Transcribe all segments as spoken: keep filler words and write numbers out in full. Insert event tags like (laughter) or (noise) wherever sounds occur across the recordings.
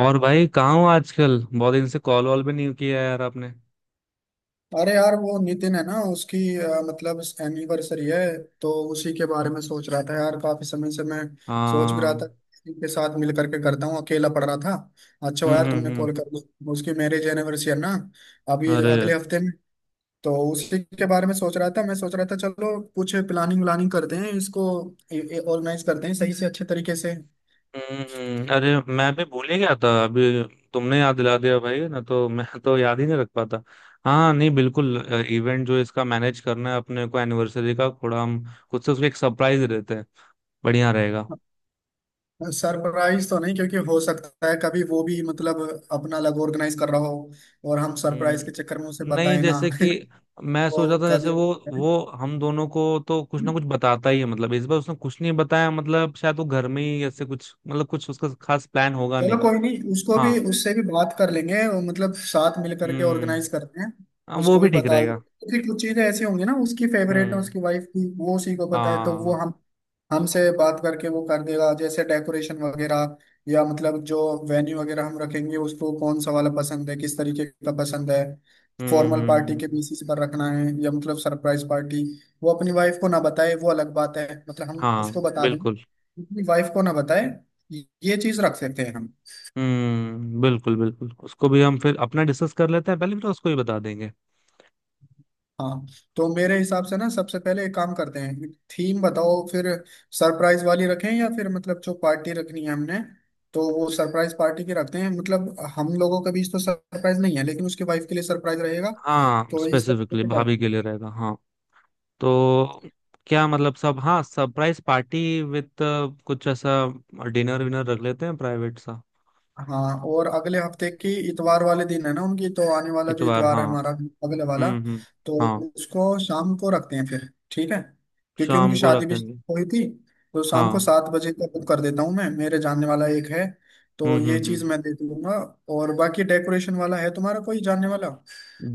और भाई कहाँ हो आजकल? बहुत दिन से कॉल वॉल भी नहीं किया यार आपने। अरे यार, वो नितिन है ना, उसकी अ, मतलब एनिवर्सरी है। तो उसी के बारे में सोच रहा था यार, काफी समय से मैं सोच भी रहा हाँ। था कि इनके साथ मिल करके करता हूँ, अकेला पड़ रहा था। अच्छा हम्म, हुआ यार हम्म, तुमने हम्म। कॉल कर दिया, उसकी मैरिज एनिवर्सरी है ना अभी अरे। अगले हफ्ते में। तो उसी के बारे में सोच रहा था, मैं सोच रहा था चलो कुछ प्लानिंग व्लानिंग करते हैं, इसको ऑर्गेनाइज करते हैं सही से, अच्छे तरीके से। हम्म, हम्म, अरे मैं भी भूल ही गया था अभी। तुमने याद दिला दिया भाई, ना तो (laughs) मैं तो याद ही नहीं रख पाता। हाँ, नहीं, बिल्कुल। इवेंट जो इसका मैनेज करना है अपने को, एनिवर्सरी का थोड़ा हम खुद से उसको एक सरप्राइज देते हैं। बढ़िया रहेगा। सरप्राइज तो नहीं, क्योंकि हो सकता है कभी वो भी मतलब अपना अलग ऑर्गेनाइज कर रहा हो और हम सरप्राइज के हम्म, चक्कर में उसे नहीं, बताए ना जैसे कि मैं (laughs) सोच रहा वो था, जैसे कभी, वो वो हम दोनों को तो कुछ ना कुछ बताता ही है। मतलब इस बार उसने कुछ नहीं बताया। मतलब शायद वो घर में ही ऐसे कुछ, मतलब कुछ उसका खास प्लान होगा, चलो नहीं। कोई नहीं, उसको हाँ। भी, उससे भी बात कर लेंगे और मतलब साथ मिल करके हम्म। ऑर्गेनाइज करते हैं। हाँ, वो उसको भी भी ठीक बता देते रहेगा। हैं। फिर कुछ चीजें ऐसी होंगी ना उसकी फेवरेट है हम्म। उसकी वाइफ की, वो उसी को पता है, तो वो हाँ। हम, हमसे बात करके वो कर देगा, जैसे डेकोरेशन वगैरह या मतलब जो वेन्यू वगैरह हम रखेंगे, उसको कौन सा वाला पसंद है, किस तरीके का पसंद है। हम्म, फॉर्मल हम्म, पार्टी के हम्म। बेसिस पर रखना है या मतलब सरप्राइज पार्टी। वो अपनी वाइफ को ना बताए वो अलग बात है, मतलब हम हाँ, उसको बता देंगे, बिल्कुल। अपनी वाइफ को ना बताए, ये चीज रख सकते हैं हम। हम्म, बिल्कुल बिल्कुल, उसको भी हम फिर अपना डिस्कस कर लेते हैं पहले, फिर उसको ही बता देंगे। हाँ, तो मेरे हिसाब से ना सबसे पहले एक काम करते हैं, थीम बताओ फिर। सरप्राइज वाली रखें या फिर मतलब जो पार्टी रखनी है हमने, तो वो सरप्राइज पार्टी की रखते हैं, मतलब हम लोगों के बीच तो सरप्राइज नहीं है लेकिन उसके वाइफ के लिए सरप्राइज रहेगा। हाँ, तो इस तरीके स्पेसिफिकली से भाभी करते के लिए हैं। रहेगा, हाँ। तो क्या मतलब सब, हाँ, सरप्राइज पार्टी विद कुछ ऐसा, डिनर विनर रख लेते हैं प्राइवेट सा। हाँ, और अगले हफ्ते की इतवार वाले दिन है ना उनकी, तो आने वाला जो इतवार, इतवार है हाँ। हमारा, अगले वाला, हम्म, हम्म। तो हाँ। उसको शाम को रखते हैं, फिर ठीक है, क्योंकि उनकी शाम को शादी भी रखेंगे। हुई थी। तो शाम को हाँ। सात बजे का बुक कर देता हूँ, मैं, मेरे जानने वाला एक है, हम्म, तो ये हम्म, चीज हम्म। मैं देख लूंगा। और बाकी डेकोरेशन वाला है, तुम्हारा कोई जानने वाला?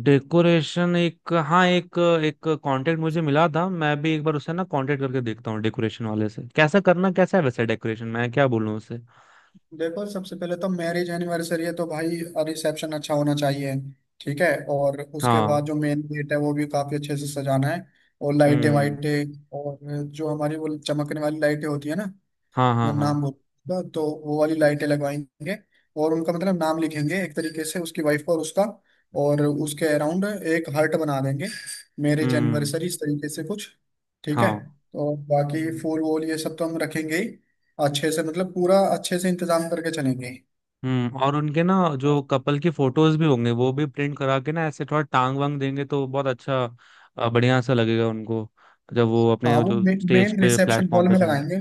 डेकोरेशन, एक हाँ, एक एक कांटेक्ट मुझे मिला था। मैं भी एक बार उससे ना कांटेक्ट करके देखता हूँ, डेकोरेशन वाले से कैसा करना कैसा है। वैसे डेकोरेशन मैं क्या बोलूँ उससे? देखो, सबसे पहले तो मैरिज एनिवर्सरी है तो भाई रिसेप्शन अच्छा होना चाहिए, ठीक है। और उसके बाद हाँ। जो मेन गेट है वो भी काफी अच्छे से सजाना है। और लाइटें हम्म। वाइटें, और जो हमारी वो चमकने वाली लाइटें होती है ना, हाँ, मैं हाँ, हाँ। नाम बोलूंगा तो वो वाली लाइटें लगवाएंगे। और उनका मतलब नाम लिखेंगे एक तरीके से, उसकी वाइफ का और उसका, और उसके अराउंड एक हर्ट बना देंगे, मैरिज हम्म। एनिवर्सरी, इस तरीके से कुछ, ठीक है। हाँ। और बाकी हम्म। फूल वूल ये सब तो हम रखेंगे ही, अच्छे से, मतलब पूरा अच्छे से इंतजाम करके चलेंगे। हम्म और उनके ना जो कपल की फोटोज भी होंगे वो भी प्रिंट करा के ना ऐसे थोड़ा टांग वांग देंगे तो बहुत अच्छा अ, बढ़िया सा लगेगा उनको, जब वो हाँ, अपने वो जो स्टेज मेन पे, रिसेप्शन प्लेटफॉर्म हॉल पे में जाएंगे। लगाएंगे।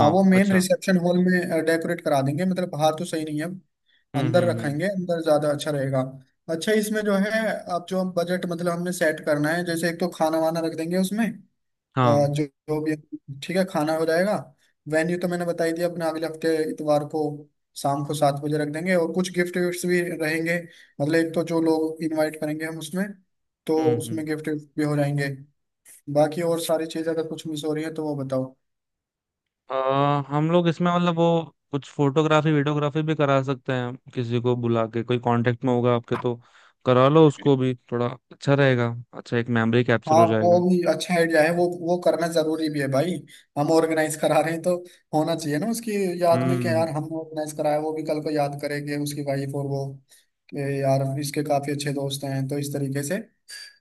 हाँ, वो मेन अच्छा। रिसेप्शन हॉल में डेकोरेट करा देंगे, मतलब बाहर तो सही नहीं है। हम्म, अंदर हम्म, हम्म। रखेंगे, अंदर ज्यादा अच्छा रहेगा। अच्छा, इसमें जो है, अब जो बजट मतलब हमने सेट करना है, जैसे एक तो खाना वाना रख देंगे उसमें, अ, हाँ। जो जो भी, ठीक है, खाना हो जाएगा। वेन्यू तो मैंने बताई दिया अपने, अगले हफ्ते इतवार को शाम को सात बजे रख देंगे, और कुछ गिफ्ट विफ्ट भी रहेंगे। मतलब एक तो जो लोग इनवाइट करेंगे हम उसमें, तो हम्म, हम्म। उसमें गिफ्ट भी हो जाएंगे। बाकी और सारी चीज अगर कुछ मिस हो रही है तो वो बताओ। अ, हम लोग इसमें मतलब वो कुछ फोटोग्राफी वीडियोग्राफी भी करा सकते हैं, किसी को बुला के। कोई कांटेक्ट में होगा आपके तो करा लो, उसको भी थोड़ा अच्छा रहेगा, अच्छा एक मेमोरी कैप्चर हाँ हो वो जाएगा। भी अच्छा आइडिया है, वो वो करना जरूरी भी है भाई, हम ऑर्गेनाइज करा रहे हैं तो होना चाहिए ना, उसकी याद में, कि यार हम्म, हम ऑर्गेनाइज कराया, वो भी कल को याद करेंगे उसकी वाइफ और वो, कि यार इसके काफी अच्छे दोस्त हैं, तो इस तरीके से,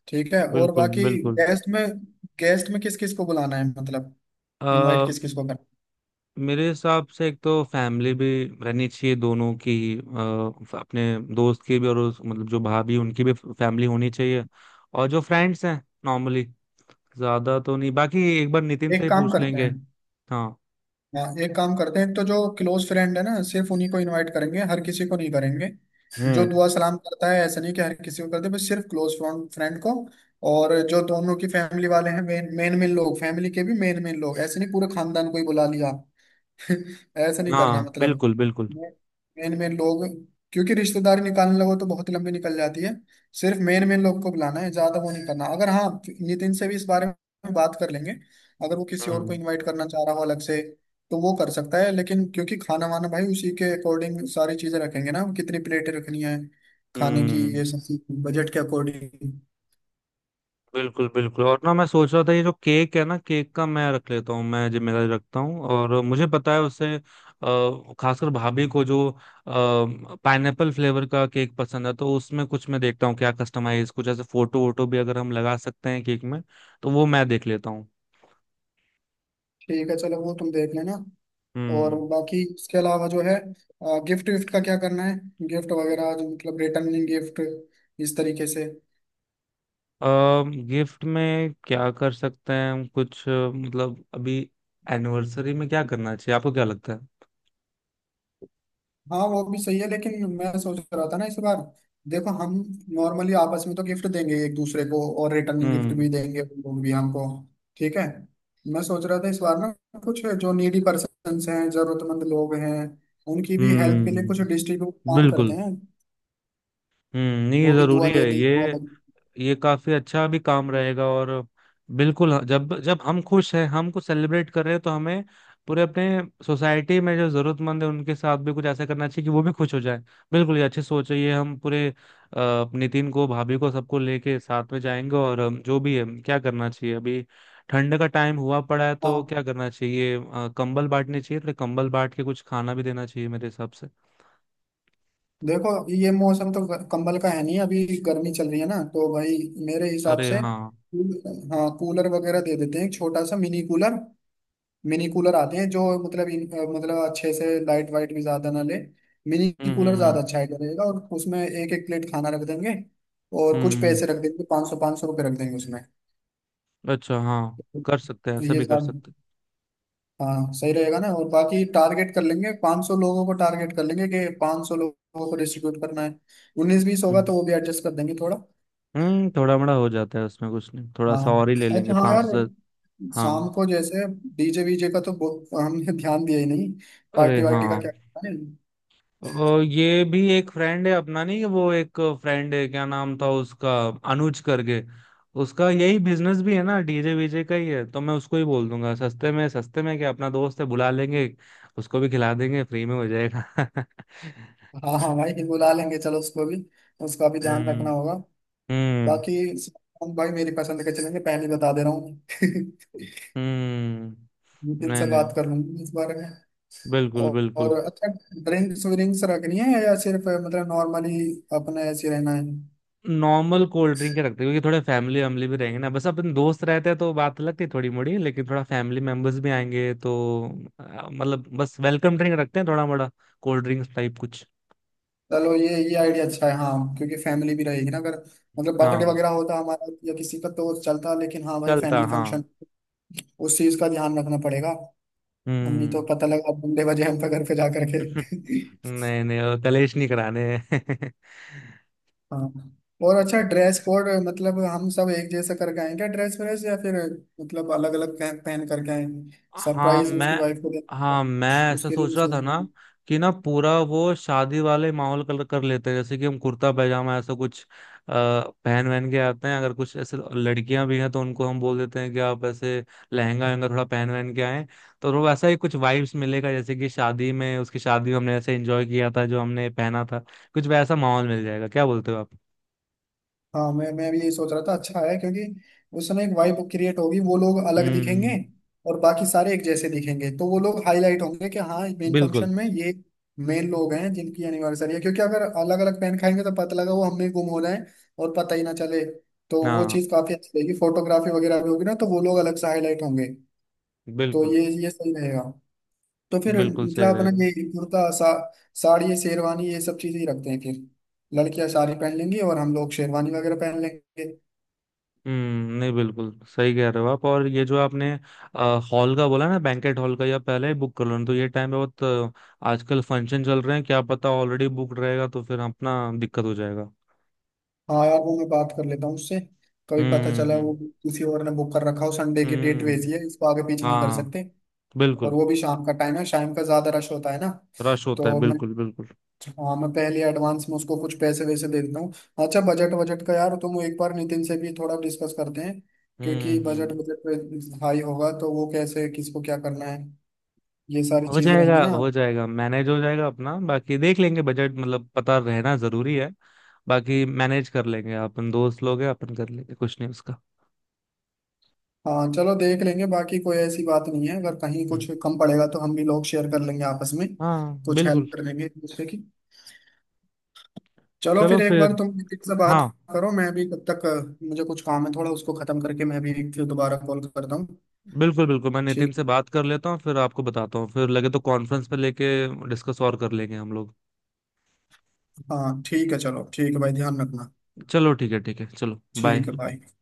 ठीक है। और बिल्कुल बाकी बिल्कुल। गेस्ट में, गेस्ट में किस किस को बुलाना है, मतलब इनवाइट अ, किस किस को करना मेरे हिसाब से एक तो फैमिली भी रहनी चाहिए दोनों की, अ, अपने दोस्त की भी और उस, मतलब जो भाभी उनकी भी फैमिली होनी चाहिए। और जो फ्रेंड्स हैं नॉर्मली, ज्यादा तो नहीं, बाकी एक बार नितिन है? से एक ही काम पूछ करते लेंगे। हैं। हाँ। हाँ एक काम करते हैं, तो जो क्लोज फ्रेंड है ना सिर्फ उन्हीं को इनवाइट करेंगे, हर किसी को नहीं करेंगे। जो हम्म। दुआ सलाम करता है ऐसा नहीं कि हर किसी को करते, बस सिर्फ क्लोज फ्रेंड को। और जो दोनों की फैमिली वाले हैं, मेन मेन मेन लोग, फैमिली के भी मेन मेन लोग, ऐसे नहीं पूरे खानदान को ही बुला लिया, ऐसा नहीं करना, हाँ, मतलब बिल्कुल बिल्कुल। मेन मेन लोग। क्योंकि रिश्तेदारी निकालने लगो तो बहुत लंबी निकल जाती है। सिर्फ मेन मेन लोग को बुलाना है, ज्यादा वो नहीं करना। अगर, हाँ, नितिन से भी इस बारे में बात कर लेंगे, अगर वो किसी और को हम्म। इनवाइट करना चाह रहा हो अलग से तो वो कर सकता है, लेकिन क्योंकि खाना वाना भाई उसी के अकॉर्डिंग सारी चीजें रखेंगे ना, कितनी प्लेटें रखनी है, खाने की हम्म, ये सब, बजट के अकॉर्डिंग। बिल्कुल बिल्कुल। और ना मैं सोच रहा था, ये जो केक है ना, केक का मैं रख लेता हूँ, मैं जिम्मेदारी रखता हूँ। और मुझे पता है उससे, अ, खासकर भाभी को जो पाइनएप्पल फ्लेवर का केक पसंद है, तो उसमें कुछ मैं देखता हूँ क्या कस्टमाइज, कुछ ऐसे फोटो वोटो भी अगर हम लगा सकते हैं केक में तो वो मैं देख लेता हूँ। ठीक है चलो, वो तुम देख लेना। और हम्म। बाकी उसके अलावा जो है, गिफ्ट विफ्ट का क्या करना है, गिफ्ट वगैरह जो मतलब रिटर्निंग गिफ्ट, इस तरीके से। गिफ्ट में क्या कर सकते हैं हम कुछ, अ, मतलब अभी एनिवर्सरी में क्या करना चाहिए, आपको क्या लगता है? हाँ, वो भी सही है, लेकिन मैं सोच रहा था ना इस बार, देखो, हम नॉर्मली आपस में तो गिफ्ट देंगे एक दूसरे को, और रिटर्निंग गिफ्ट हम्म। भी देंगे वो भी हमको, ठीक है। मैं सोच रहा था इस बार ना, कुछ जो नीडी पर्सन्स हैं, जरूरतमंद लोग हैं, उनकी भी हेल्प के लिए कुछ हम्म, डिस्ट्रीब्यूट प्लान करते बिल्कुल। हैं, हम्म, नहीं ये वो भी दुआ जरूरी है देते हैं, दुआ ये बन। ये काफी अच्छा भी काम रहेगा। और बिल्कुल, हाँ, जब जब हम खुश हैं, हम कुछ सेलिब्रेट कर रहे हैं, तो हमें पूरे अपने सोसाइटी में जो जरूरतमंद है उनके साथ भी कुछ ऐसा करना चाहिए कि वो भी खुश हो जाए। बिल्कुल, ये अच्छी सोच है ये। हम पूरे अ, नितिन को, भाभी को, सबको लेके साथ में जाएंगे। और अम, जो भी है क्या करना चाहिए अभी, ठंड का टाइम हुआ पड़ा है तो हाँ क्या करना चाहिए, अ, कंबल बांटने चाहिए थोड़े, कंबल बांट के कुछ खाना भी देना चाहिए मेरे हिसाब से। देखो, ये मौसम तो ग- कंबल का है नहीं, अभी गर्मी चल रही है ना, तो भाई मेरे हिसाब अरे से हाँ। कूल- हाँ, कूलर वगैरह दे देते हैं, एक छोटा सा मिनी कूलर। मिनी कूलर आते हैं जो मतलब इन- अ, मतलब अच्छे से लाइट वाइट भी ज्यादा ना ले। मिनी हम्म, कूलर हम्म, हम्म। ज्यादा अच्छा आइडिया रहेगा, और उसमें एक एक प्लेट खाना रख देंगे, और कुछ हम्म। पैसे रख देंगे, पाँच सौ पाँच सौ रुपये रख देंगे उसमें, अच्छा, हाँ, कर सकते हैं, ऐसा ये भी कर सब। सकते हैं। हाँ सही रहेगा ना, और बाकी टारगेट कर लेंगे, पाँच सौ लोगों को टारगेट कर लेंगे, कि पाँच सौ लोगों को डिस्ट्रीब्यूट करना है। उन्नीस बीस होगा हम्म, तो वो भी एडजस्ट कर देंगे थोड़ा। हम्म, थोड़ा मोड़ा हो जाता है उसमें कुछ नहीं, थोड़ा हाँ, सा और ही ले लेंगे अच्छा हाँ पाँच यार, सौ से। शाम हाँ। को जैसे डीजे वीजे का तो, बहुत- हमने ध्यान दिया ही नहीं, अरे पार्टी हाँ, वार्टी का क्या करना है। और ये भी एक फ्रेंड है अपना, नहीं वो एक फ्रेंड है, क्या नाम था उसका, अनुज करके। उसका यही बिजनेस भी है ना, डीजे वीजे का ही है, तो मैं उसको ही बोल दूंगा सस्ते में। सस्ते में क्या, अपना दोस्त है, बुला लेंगे, उसको भी खिला देंगे, फ्री में हो जाएगा। (laughs) हाँ हाँ भाई बुला लेंगे, चलो उसको भी, उसका भी ध्यान रखना हम्म। होगा। हम्म। बाकी भाई मेरी पसंद के चलेंगे, पहले ही बता दे रहा हूँ (laughs) हम्म नितिन नहीं, से बात नहीं, कर लूंगी इस बारे में। बिल्कुल औ- बिल्कुल। और अच्छा, ड्रिंक्स विंक्स रखनी है या सिर्फ मतलब नॉर्मली अपने ऐसे रहना है। नॉर्मल कोल्ड ड्रिंक ही रखते हैं क्योंकि थोड़े फैमिली वैमिली भी रहेंगे ना। बस अपन दोस्त रहते हैं तो बात लगती है थोड़ी मोड़ी, लेकिन थोड़ा फैमिली मेंबर्स भी आएंगे तो अ, मतलब बस वेलकम ड्रिंक रखते हैं थोड़ा मोड़ा, कोल्ड ड्रिंक्स टाइप कुछ। चलो ये ये आइडिया अच्छा है, हाँ, क्योंकि फैमिली भी रहेगी ना अगर, मतलब बर्थडे हाँ, वगैरह होता हमारा या किसी का तो चलता, लेकिन हाँ भाई चलता फैमिली हाँ। फंक्शन, उस चीज का ध्यान रखना पड़ेगा। नहीं तो हम्म। पता लगा बंदे बजे हम पे, घर पे जा करके (laughs) (laughs) नहीं नहीं, वो कलेश नहीं कराने हैं। (laughs) हाँ, और अच्छा, ड्रेस कोड, मतलब हम सब एक जैसा करके आएंगे ड्रेस व्रेस, या फिर मतलब अलग अलग पहन पहन करके आएंगे, हाँ सरप्राइज मैं, उसकी वाइफ को दे, हाँ मैं ऐसा उसके लिए सोच भी रहा सोच था रहे ना, हैं। कि ना पूरा वो शादी वाले माहौल कलर कर लेते हैं। जैसे कि हम कुर्ता पैजामा ऐसा कुछ अ, पहन वहन के आते हैं, अगर कुछ ऐसे लड़कियां भी हैं तो उनको हम बोल देते हैं कि आप ऐसे लहंगा वहंगा थोड़ा पहन वहन के आए। तो वो वैसा ही कुछ वाइब्स मिलेगा, जैसे कि शादी में, उसकी शादी में हमने ऐसे एंजॉय किया था, जो हमने पहना था, कुछ वैसा माहौल मिल जाएगा। क्या बोलते हो आप? हाँ, मैं मैं भी यही सोच रहा था, अच्छा है, क्योंकि उसमें एक वाइब क्रिएट होगी, वो लोग अलग दिखेंगे हम्म, और बाकी सारे एक जैसे दिखेंगे तो वो लोग हाईलाइट होंगे, कि हाँ मेन बिल्कुल। फंक्शन में ये मेन लोग हैं जिनकी एनिवर्सरी है। क्योंकि अगर अलग अलग पेन खाएंगे तो पता लगा वो हमने गुम हो जाए और पता ही ना चले। तो वो हाँ, चीज़ काफी अच्छी रहेगी, फोटोग्राफी वगैरह भी होगी ना, तो वो लोग अलग से हाईलाइट होंगे। तो बिल्कुल ये ये सही रहेगा। तो फिर बिल्कुल सही मतलब अपना रहेगा। ये कुर्ता सा, साड़ी, ये शेरवानी, ये सब चीजें ही रखते हैं फिर, लड़कियां साड़ी पहन लेंगी और हम लोग शेरवानी वगैरह पहन लेंगे। हम्म, नहीं बिल्कुल सही कह रहे हो आप। और ये जो आपने हॉल का बोला ना, बैंकेट हॉल का, या पहले ही बुक कर लो, नहीं तो ये टाइम पे बहुत अ, आजकल फंक्शन चल रहे हैं, क्या पता ऑलरेडी बुक रहेगा, तो फिर अपना दिक्कत हो जाएगा। हाँ यार, वो मैं बात कर लेता हूँ उससे, कभी पता हम्म, चला वो हम्म, किसी और ने बुक कर रखा हो, संडे की हम्म, डेट वैसी है, हम्म, इसको आगे पीछे नहीं कर हाँ सकते। और बिल्कुल। वो भी शाम का टाइम है, शाम का ज्यादा रश होता है ना, रश होता है, तो मैं, बिल्कुल बिल्कुल। हाँ मैं पहले एडवांस में उसको कुछ पैसे वैसे दे देता हूँ। अच्छा, बजट, बजट का यार तुम एक बार नितिन से भी थोड़ा डिस्कस करते हैं, हम्म, क्योंकि बजट हम्म, बजट हाई होगा तो वो कैसे, किसको क्या करना है, ये सारी हो चीज जाएगा, रहेंगी ना। हो जाएगा, मैनेज हो जाएगा अपना, बाकी देख लेंगे। बजट मतलब पता रहना जरूरी है, बाकी मैनेज कर लेंगे, अपन दोस्त लोग हैं, अपन कर लेंगे कुछ नहीं उसका। हाँ चलो देख लेंगे, बाकी कोई ऐसी बात नहीं है, अगर कहीं हम्म, कुछ कम पड़ेगा तो हम भी लोग शेयर कर लेंगे आपस में, हाँ कुछ बिल्कुल। हेल्प कर लेंगे एक दूसरे की। चलो चलो फिर एक बार फिर, तुम किसी से बात हाँ, करो, मैं भी तब तक, अ, मुझे कुछ काम है थोड़ा, उसको खत्म करके मैं भी फिर दोबारा कॉल करता हूँ। बिल्कुल बिल्कुल, मैं नितिन ठीक। से बात कर लेता हूँ, फिर आपको बताता हूँ। फिर लगे तो कॉन्फ्रेंस पे लेके डिस्कस और कर लेंगे हम लोग। हाँ ठीक है चलो, ठीक है भाई, ध्यान रखना, चलो ठीक है, ठीक है, चलो, बाय। ठीक है भाई।